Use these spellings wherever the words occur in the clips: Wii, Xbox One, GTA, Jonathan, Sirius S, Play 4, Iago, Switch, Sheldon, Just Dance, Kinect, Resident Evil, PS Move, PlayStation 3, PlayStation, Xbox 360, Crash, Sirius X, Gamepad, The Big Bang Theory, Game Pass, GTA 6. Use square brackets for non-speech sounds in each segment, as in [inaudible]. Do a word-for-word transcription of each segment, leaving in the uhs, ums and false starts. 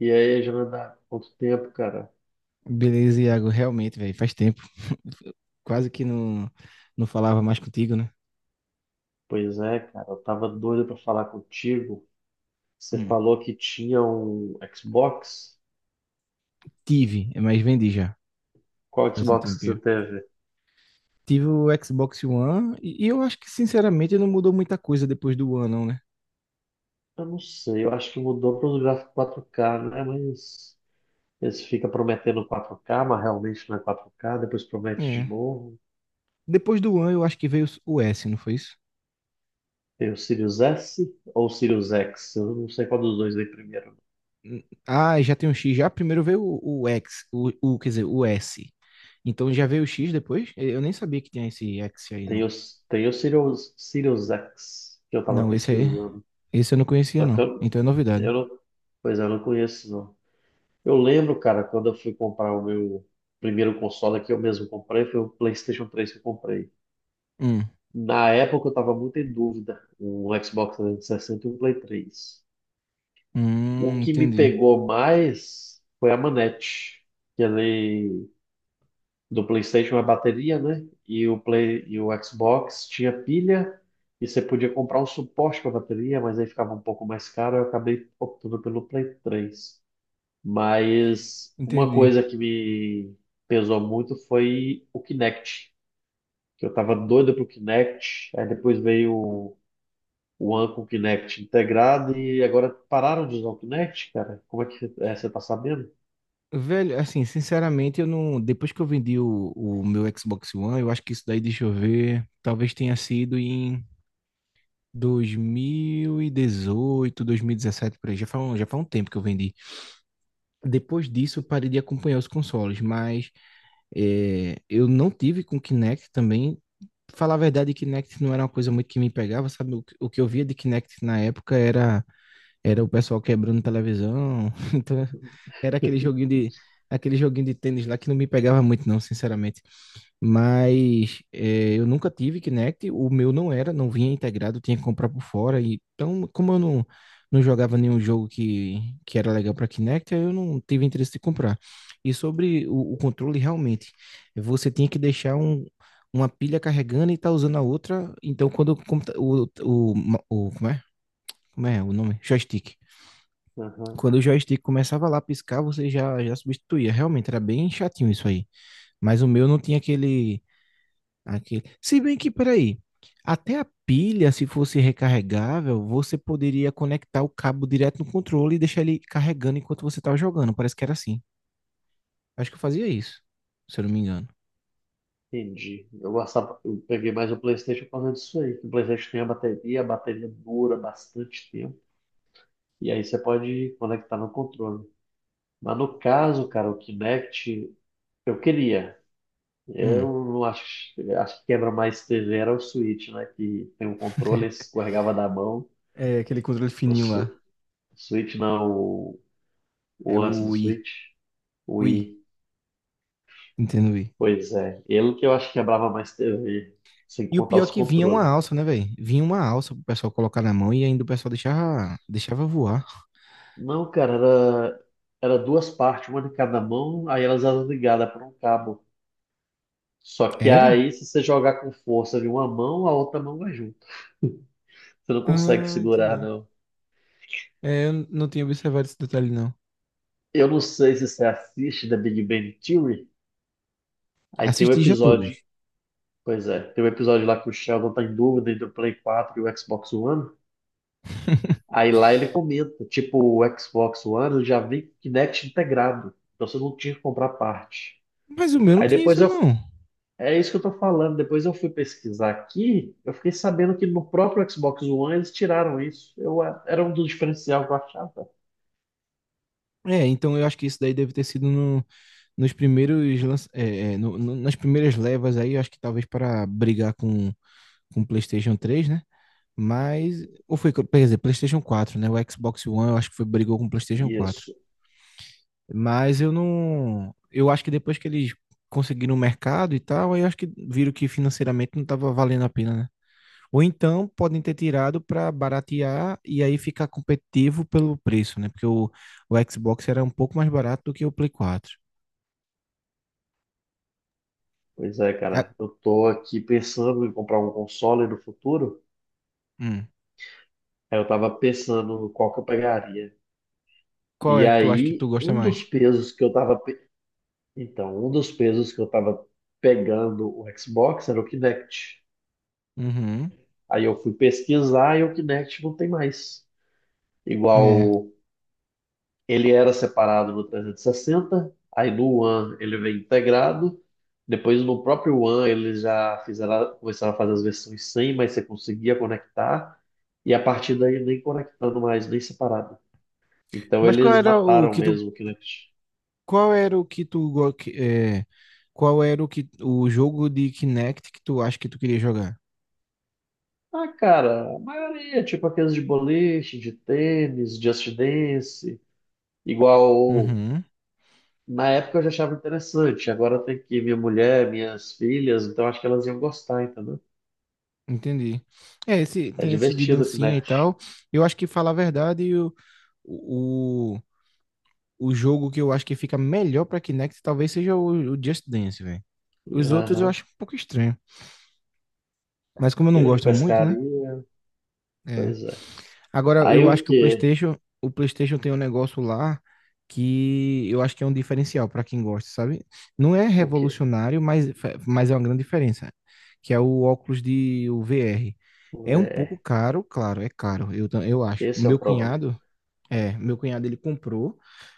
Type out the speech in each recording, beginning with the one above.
E aí, Jonathan, quanto tempo, cara? Beleza, Iago, realmente, velho, faz tempo. [laughs] Quase que não, não falava mais contigo, né? Pois é, cara, eu tava doido pra falar contigo. Você Hum. falou que tinha um Xbox? Tive, é, mas vendi já, Qual faz um Xbox que você tempinho. teve? Tive o Xbox One e, e eu acho que, sinceramente, não mudou muita coisa depois do One, não, né? Eu não sei, eu acho que mudou para os gráficos quatro K, né? Mas eles ficam prometendo quatro K, mas realmente não é quatro K, depois promete de É. novo. Depois do One, eu acho que veio o S, não foi isso? Tem o Sirius S ou o Sirius X? Eu não sei qual dos dois veio primeiro. Hum. Ah, já tem um X já. Primeiro veio o, o X, o, o, quer dizer, o S. Então já veio o X depois? Eu nem sabia que tinha esse X aí, Tem não. o, tem o Sirius, Sirius X, que eu tava Não, esse aí, pesquisando. esse eu não conhecia, Só que não. eu, Então é eu novidade. não, pois é, eu não conheço, não. Eu lembro, cara, quando eu fui comprar o meu primeiro console que eu mesmo comprei, foi o PlayStation três que eu comprei. Hum, Na época eu tava muito em dúvida, um Xbox trezentos e sessenta e sessenta e um Play três. O hum, que me entendi. pegou mais foi a manete, que ele do PlayStation é bateria, né? E o Play e o Xbox tinha pilha e você podia comprar um suporte para bateria, mas aí ficava um pouco mais caro, eu acabei optando pelo Play três. Mas uma Entendi. coisa que me pesou muito foi o Kinect, que eu tava doido pro Kinect, aí depois veio o o One com o Kinect integrado e agora pararam de usar o Kinect, cara. Como é que é, você tá sabendo? Velho, assim, sinceramente, eu não. Depois que eu vendi o, o meu Xbox One, eu acho que isso daí, deixa eu ver, talvez tenha sido em dois mil e dezoito, dois mil e dezessete, por aí. Já faz um, já faz um tempo que eu vendi. Depois disso, eu parei de acompanhar os consoles, mas é, eu não tive com Kinect também. Falar a verdade, Kinect não era uma coisa muito que me pegava, sabe? O, que- o que eu via de Kinect na época era era o pessoal quebrando televisão. [laughs] Então, era aquele joguinho de aquele joguinho de tênis lá que não me pegava muito, não, sinceramente. [laughs] Mas eh, eu nunca tive Kinect, o meu não era, não vinha integrado, tinha que comprar por fora. E então, como eu não, não jogava nenhum jogo que, que era legal para Kinect, aí eu não tive interesse de comprar. E sobre o, o controle, realmente, você tinha que deixar um, uma pilha carregando e tá usando a outra. Então, quando o, computa- o, o, o como é? Como é o nome? Joystick. Aham, Quando o joystick começava lá a piscar, você já, já substituía. Realmente era bem chatinho isso aí. Mas o meu não tinha aquele, aquele. Se bem que, peraí, até a pilha, se fosse recarregável, você poderia conectar o cabo direto no controle e deixar ele carregando enquanto você estava jogando. Parece que era assim. Acho que eu fazia isso, se eu não me engano. entendi. Eu gostava, eu peguei mais o PlayStation por causa disso aí. Que O PlayStation tem a bateria, a bateria dura bastante tempo. E aí você pode conectar no controle. Mas no caso, cara, o Kinect, eu queria. Eu Hum. não acho, acho que quebra mais T V era o Switch, né? Que tem um controle, [laughs] escorregava da mão. É aquele controle O fininho lá. Su- Switch não, o, É o antes o do Wii. Switch, o Wii. I. Wii. Entendo, Wii. Pois é, ele que eu acho que quebrava mais T V, sem E o contar pior é os que vinha uma controles. alça, né, velho? Vinha uma alça pro pessoal colocar na mão e ainda o pessoal deixava, deixava voar. Não, cara, era, era duas partes, uma de cada mão, aí elas eram ligadas por um cabo. Só que Era? aí, se você jogar com força de uma mão, a outra mão vai junto. Você não consegue Ah, segurar, entendi. não. É, eu n- não tinha observado esse detalhe, não. Eu não sei se você assiste The Big Bang Theory. Aí tem o Assisti já episódio, todas. pois é, tem o episódio lá que o Sheldon tá em dúvida entre o Play quatro e o Xbox One. [laughs] Aí lá ele comenta, tipo, o Xbox One já vem com Kinect integrado, então você não tinha que comprar parte. Mas o meu não Aí tinha isso, depois eu, não. é isso que eu tô falando, depois eu fui pesquisar aqui, eu fiquei sabendo que no próprio Xbox One eles tiraram isso. Eu, é, era um dos diferencial que eu achava. É, então eu acho que isso daí deve ter sido no- nos primeiros, lança- é, é, no- no- nas primeiras levas aí, eu acho que talvez para brigar com com o PlayStation três, né? Mas, ou foi, quer dizer, PlayStation quatro, né? O Xbox One, eu acho que foi, brigou com o PlayStation quatro. Isso. Mas eu não, eu acho que depois que eles conseguiram o mercado e tal, aí eu acho que viram que financeiramente não estava valendo a pena, né? Ou então podem ter tirado para baratear e aí ficar competitivo pelo preço, né? Porque o, o Xbox era um pouco mais barato do que o Play quatro. Pois é, Ah, cara, eu tô aqui pensando em comprar um console no futuro. hum. Aí eu tava pensando qual que eu pegaria. Qual E é que tu acha que tu aí, gosta um dos mais? pesos que eu tava. Pe- então, um dos pesos que eu tava pegando o Xbox era o Kinect. Uhum. Aí eu fui pesquisar e o Kinect não tem mais. É. Igual ele era separado no trezentos e sessenta, aí no One ele vem integrado. Depois no próprio One eles já fizeram, começaram a fazer as versões sem, mas você conseguia conectar. E a partir daí nem conectando mais, nem separado. Então Mas qual eles era o mataram que tu, mesmo o Kinect. qual era o que tu, go- que- é, qual era o que o jogo de Kinect que tu acha que tu queria jogar? Ah, cara, a maioria, é tipo aqueles de boliche, de tênis, Just Dance, igual Uhum. na época eu já achava interessante, agora tem que ir minha mulher, minhas filhas, então acho que elas iam gostar, entendeu? Entendi. É, esse É tem esse de divertido o dancinha e Kinect. tal. Eu acho que falar a verdade, o, o o jogo que eu acho que fica melhor pra Kinect talvez seja o, o Just Dance, velho. Os outros eu Aham. acho um pouco estranho. Mas como eu não Tem um de gosto muito, né? pescaria, É. pois é. Agora, Aí eu acho o que o quê? PlayStation, o PlayStation tem um negócio lá que eu acho que é um diferencial pra quem gosta, sabe? Não é O quê? revolucionário, mas, é, mas é uma grande diferença, que é o óculos de o V R. O É um pouco V R. caro, claro, é caro, eu, ta- eu acho. O Esse é o meu problema. cunhado, É, meu cunhado ele comprou,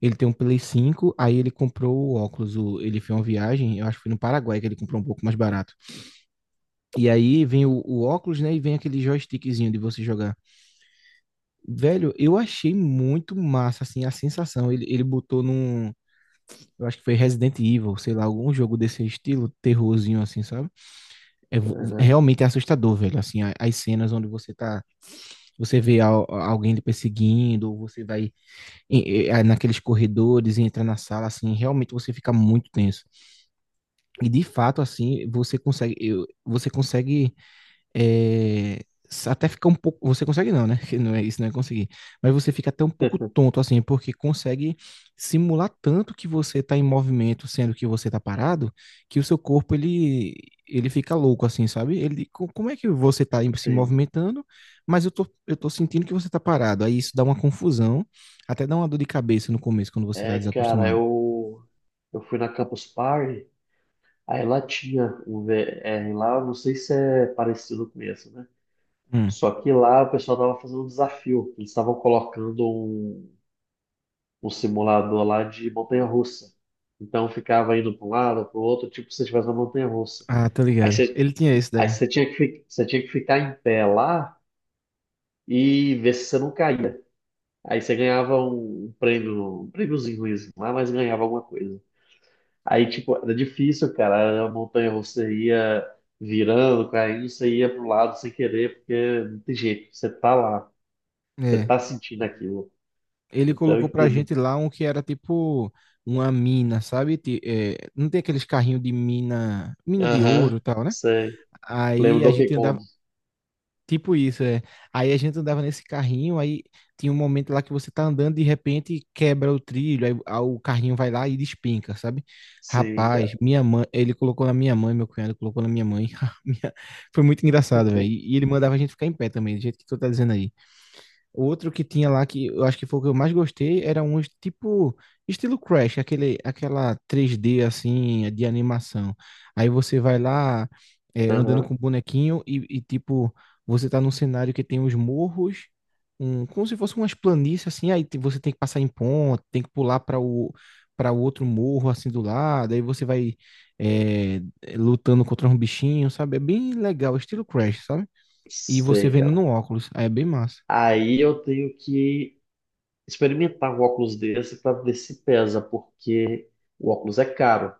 ele tem um Play cinco, aí ele comprou o óculos, o- ele fez uma viagem, eu acho que foi no Paraguai que ele comprou um pouco mais barato. E aí vem o, o óculos, né, e vem aquele joystickzinho de você jogar. Velho, eu achei muito massa, assim, a sensação. Ele, ele botou num, eu acho que foi Resident Evil, sei lá, algum jogo desse estilo, terrorzinho assim, sabe? É vo- Aham. realmente é assustador, velho, assim, a- as cenas onde você tá, você vê al- alguém lhe perseguindo, ou você vai em- eh, naqueles corredores e entra na sala, assim, realmente você fica muito tenso. E de fato, assim, você consegue, eu- você consegue é, até fica um pouco. Você consegue não, né? [laughs] Que não é isso, não é conseguir. Mas você fica até um pouco [laughs] tonto, assim, porque consegue simular tanto que você está em movimento, sendo que você está parado, que o seu corpo ele ele fica louco, assim, sabe? Ele, co- como é que você está se Entendi. movimentando, mas eu tô, eu tô sentindo que você está parado. Aí isso dá uma confusão, até dá uma dor de cabeça no começo quando você está É, cara, desacostumado. eu, eu fui na Campus Party. Aí lá tinha um V R lá, eu não sei se é parecido com esse, né? Hum. Só que lá o pessoal tava fazendo um desafio. Eles estavam colocando um, um simulador lá de montanha-russa. Então ficava indo para um lado, para o outro, tipo se você estivesse na montanha-russa. Ah, tá Aí ligado. você, Ele tinha esse aí daí. você tinha que, fi- você tinha que ficar em pé lá e ver se você não caía. Aí você ganhava um, um prêmio, um prêmiozinho ruimzinho lá, mas ganhava alguma coisa. Aí, tipo, era difícil, cara. A montanha russa ia virando, caindo, você ia pro lado sem querer, porque não tem jeito. Você tá lá, você É. tá sentindo aquilo. Ele Então, eu colocou pra entendo. gente lá um que era tipo uma mina, sabe? Ti- é, não tem aqueles carrinhos de mina, mina de Aham, ouro e tal, né? sei. Lembro Aí do a Donkey gente Kong. andava, tipo isso, é. Aí a gente andava nesse carrinho, aí tinha um momento lá que você tá andando de repente quebra o trilho, aí, a- o carrinho vai lá e despenca, sabe? Sim, Rapaz, cara. minha mãe, ele colocou na minha mãe, meu cunhado colocou na minha mãe. [laughs] Minha- Foi muito engraçado, velho. E e ele mandava a gente ficar em pé também, do jeito que tu tá dizendo aí. Outro que tinha lá que eu acho que foi o que eu mais gostei era um tipo estilo Crash, aquele, aquela três D assim de animação. Aí você vai lá é, andando Aham, com o bonequinho e, e, tipo você tá num cenário que tem os morros, um, como se fosse umas planícies assim. Aí te- você tem que passar em ponte, tem que pular para o para o outro morro assim do lado. Aí você vai é, lutando contra um bichinho, sabe? É bem legal, estilo Crash, sabe? E você sei, vendo cara. no óculos, aí é bem massa. Aí eu tenho que experimentar um óculos desse pra ver se pesa, porque o óculos é caro.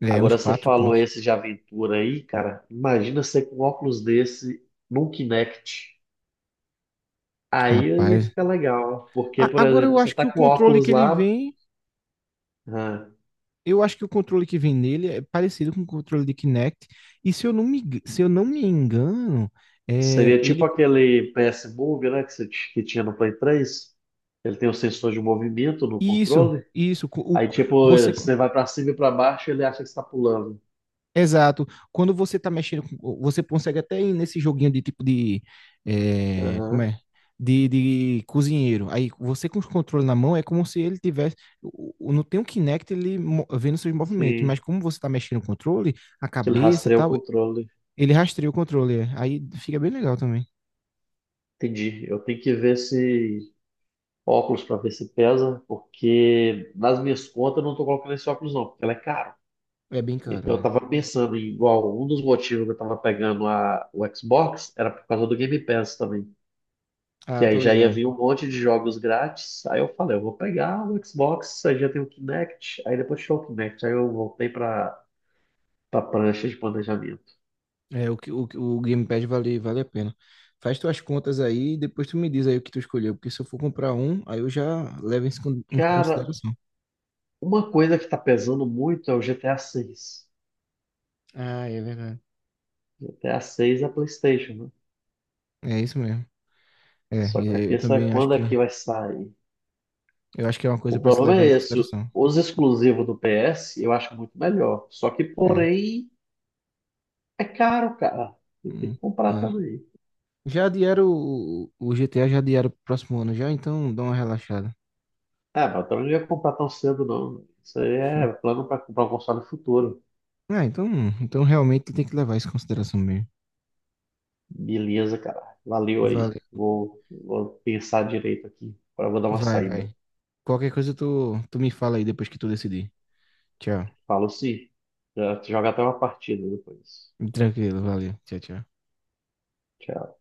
É, uns Agora, você quatro falou contos. esse de aventura aí, cara. Imagina você com um óculos desse num Kinect. Aí ia Rapaz. ficar legal, porque, A- por Agora eu exemplo, você acho que tá o com controle óculos que ele lá, vem. ah, Eu acho que o controle que vem nele é parecido com o controle de Kinect. E se eu não me, eng- se eu não me engano, é, seria tipo ele. aquele P S Move, né, que, você t- que tinha no Play três, ele tem o sensor de movimento no Isso, controle, isso. co- O, aí tipo, você. você vai pra cima e pra baixo, ele acha que você tá pulando. Exato. Quando você tá mexendo, com- você consegue até ir nesse joguinho de tipo de, eh, como Aham, é? De, de cozinheiro. Aí você com os controles na mão é como se ele tivesse. o- o- Não tem um Kinect ele mo- vendo seus movimentos, mas sim, como você tá mexendo o controle, a ele cabeça e rastreia o tal, controle. ele rastreia o controle. É. Aí fica bem legal também. Entendi, eu tenho que ver esse óculos pra ver se pesa, porque nas minhas contas eu não tô colocando esse óculos não, porque ele é caro. É bem caro, Então eu né? tava pensando em igual, um dos motivos que eu tava pegando a, o Xbox era por causa do Game Pass também. Que Ah, aí tô já ia ligado. vir um monte de jogos grátis. Aí eu falei, eu vou pegar o Xbox, aí já tem o Kinect, aí depois tirou o Kinect, aí eu voltei pra, pra prancha de planejamento. É, o, que- o, que- o Gamepad vale, vale a pena. Faz tuas contas aí e depois tu me diz aí o que tu escolheu, porque se eu for comprar um, aí eu já levo isso em con- em Cara, consideração. uma coisa que tá pesando muito é o G T A seis. Ah, é verdade. G T A seis G T A seis é PlayStation, né? É isso mesmo. É, Só e que a eu eu questão é também acho quando é que que vai sair. eu acho que é uma O coisa para se problema levar é em esse. consideração. Os exclusivos do P S eu acho muito melhor. Só que, É. porém, é caro, cara. Você tem Hum, que comprar é. também. Já adiaram o, o G T A, já adiaram pro próximo ano já, então dá uma relaxada. É, mas eu também não ia comprar tão cedo, não. Isso aí é [laughs] plano para comprar um console no futuro. Ah, então, então realmente tem que levar isso em consideração mesmo. Beleza, cara. Valeu aí. Vale. Vou, vou pensar direito aqui. Agora eu vou dar uma Vai, saída. vai. Qualquer coisa tu, tu me fala aí depois que tu decidir. Tchau. Falo sim. Já te joga até uma partida depois. Tranquilo, valeu. Tchau, tchau. Tchau.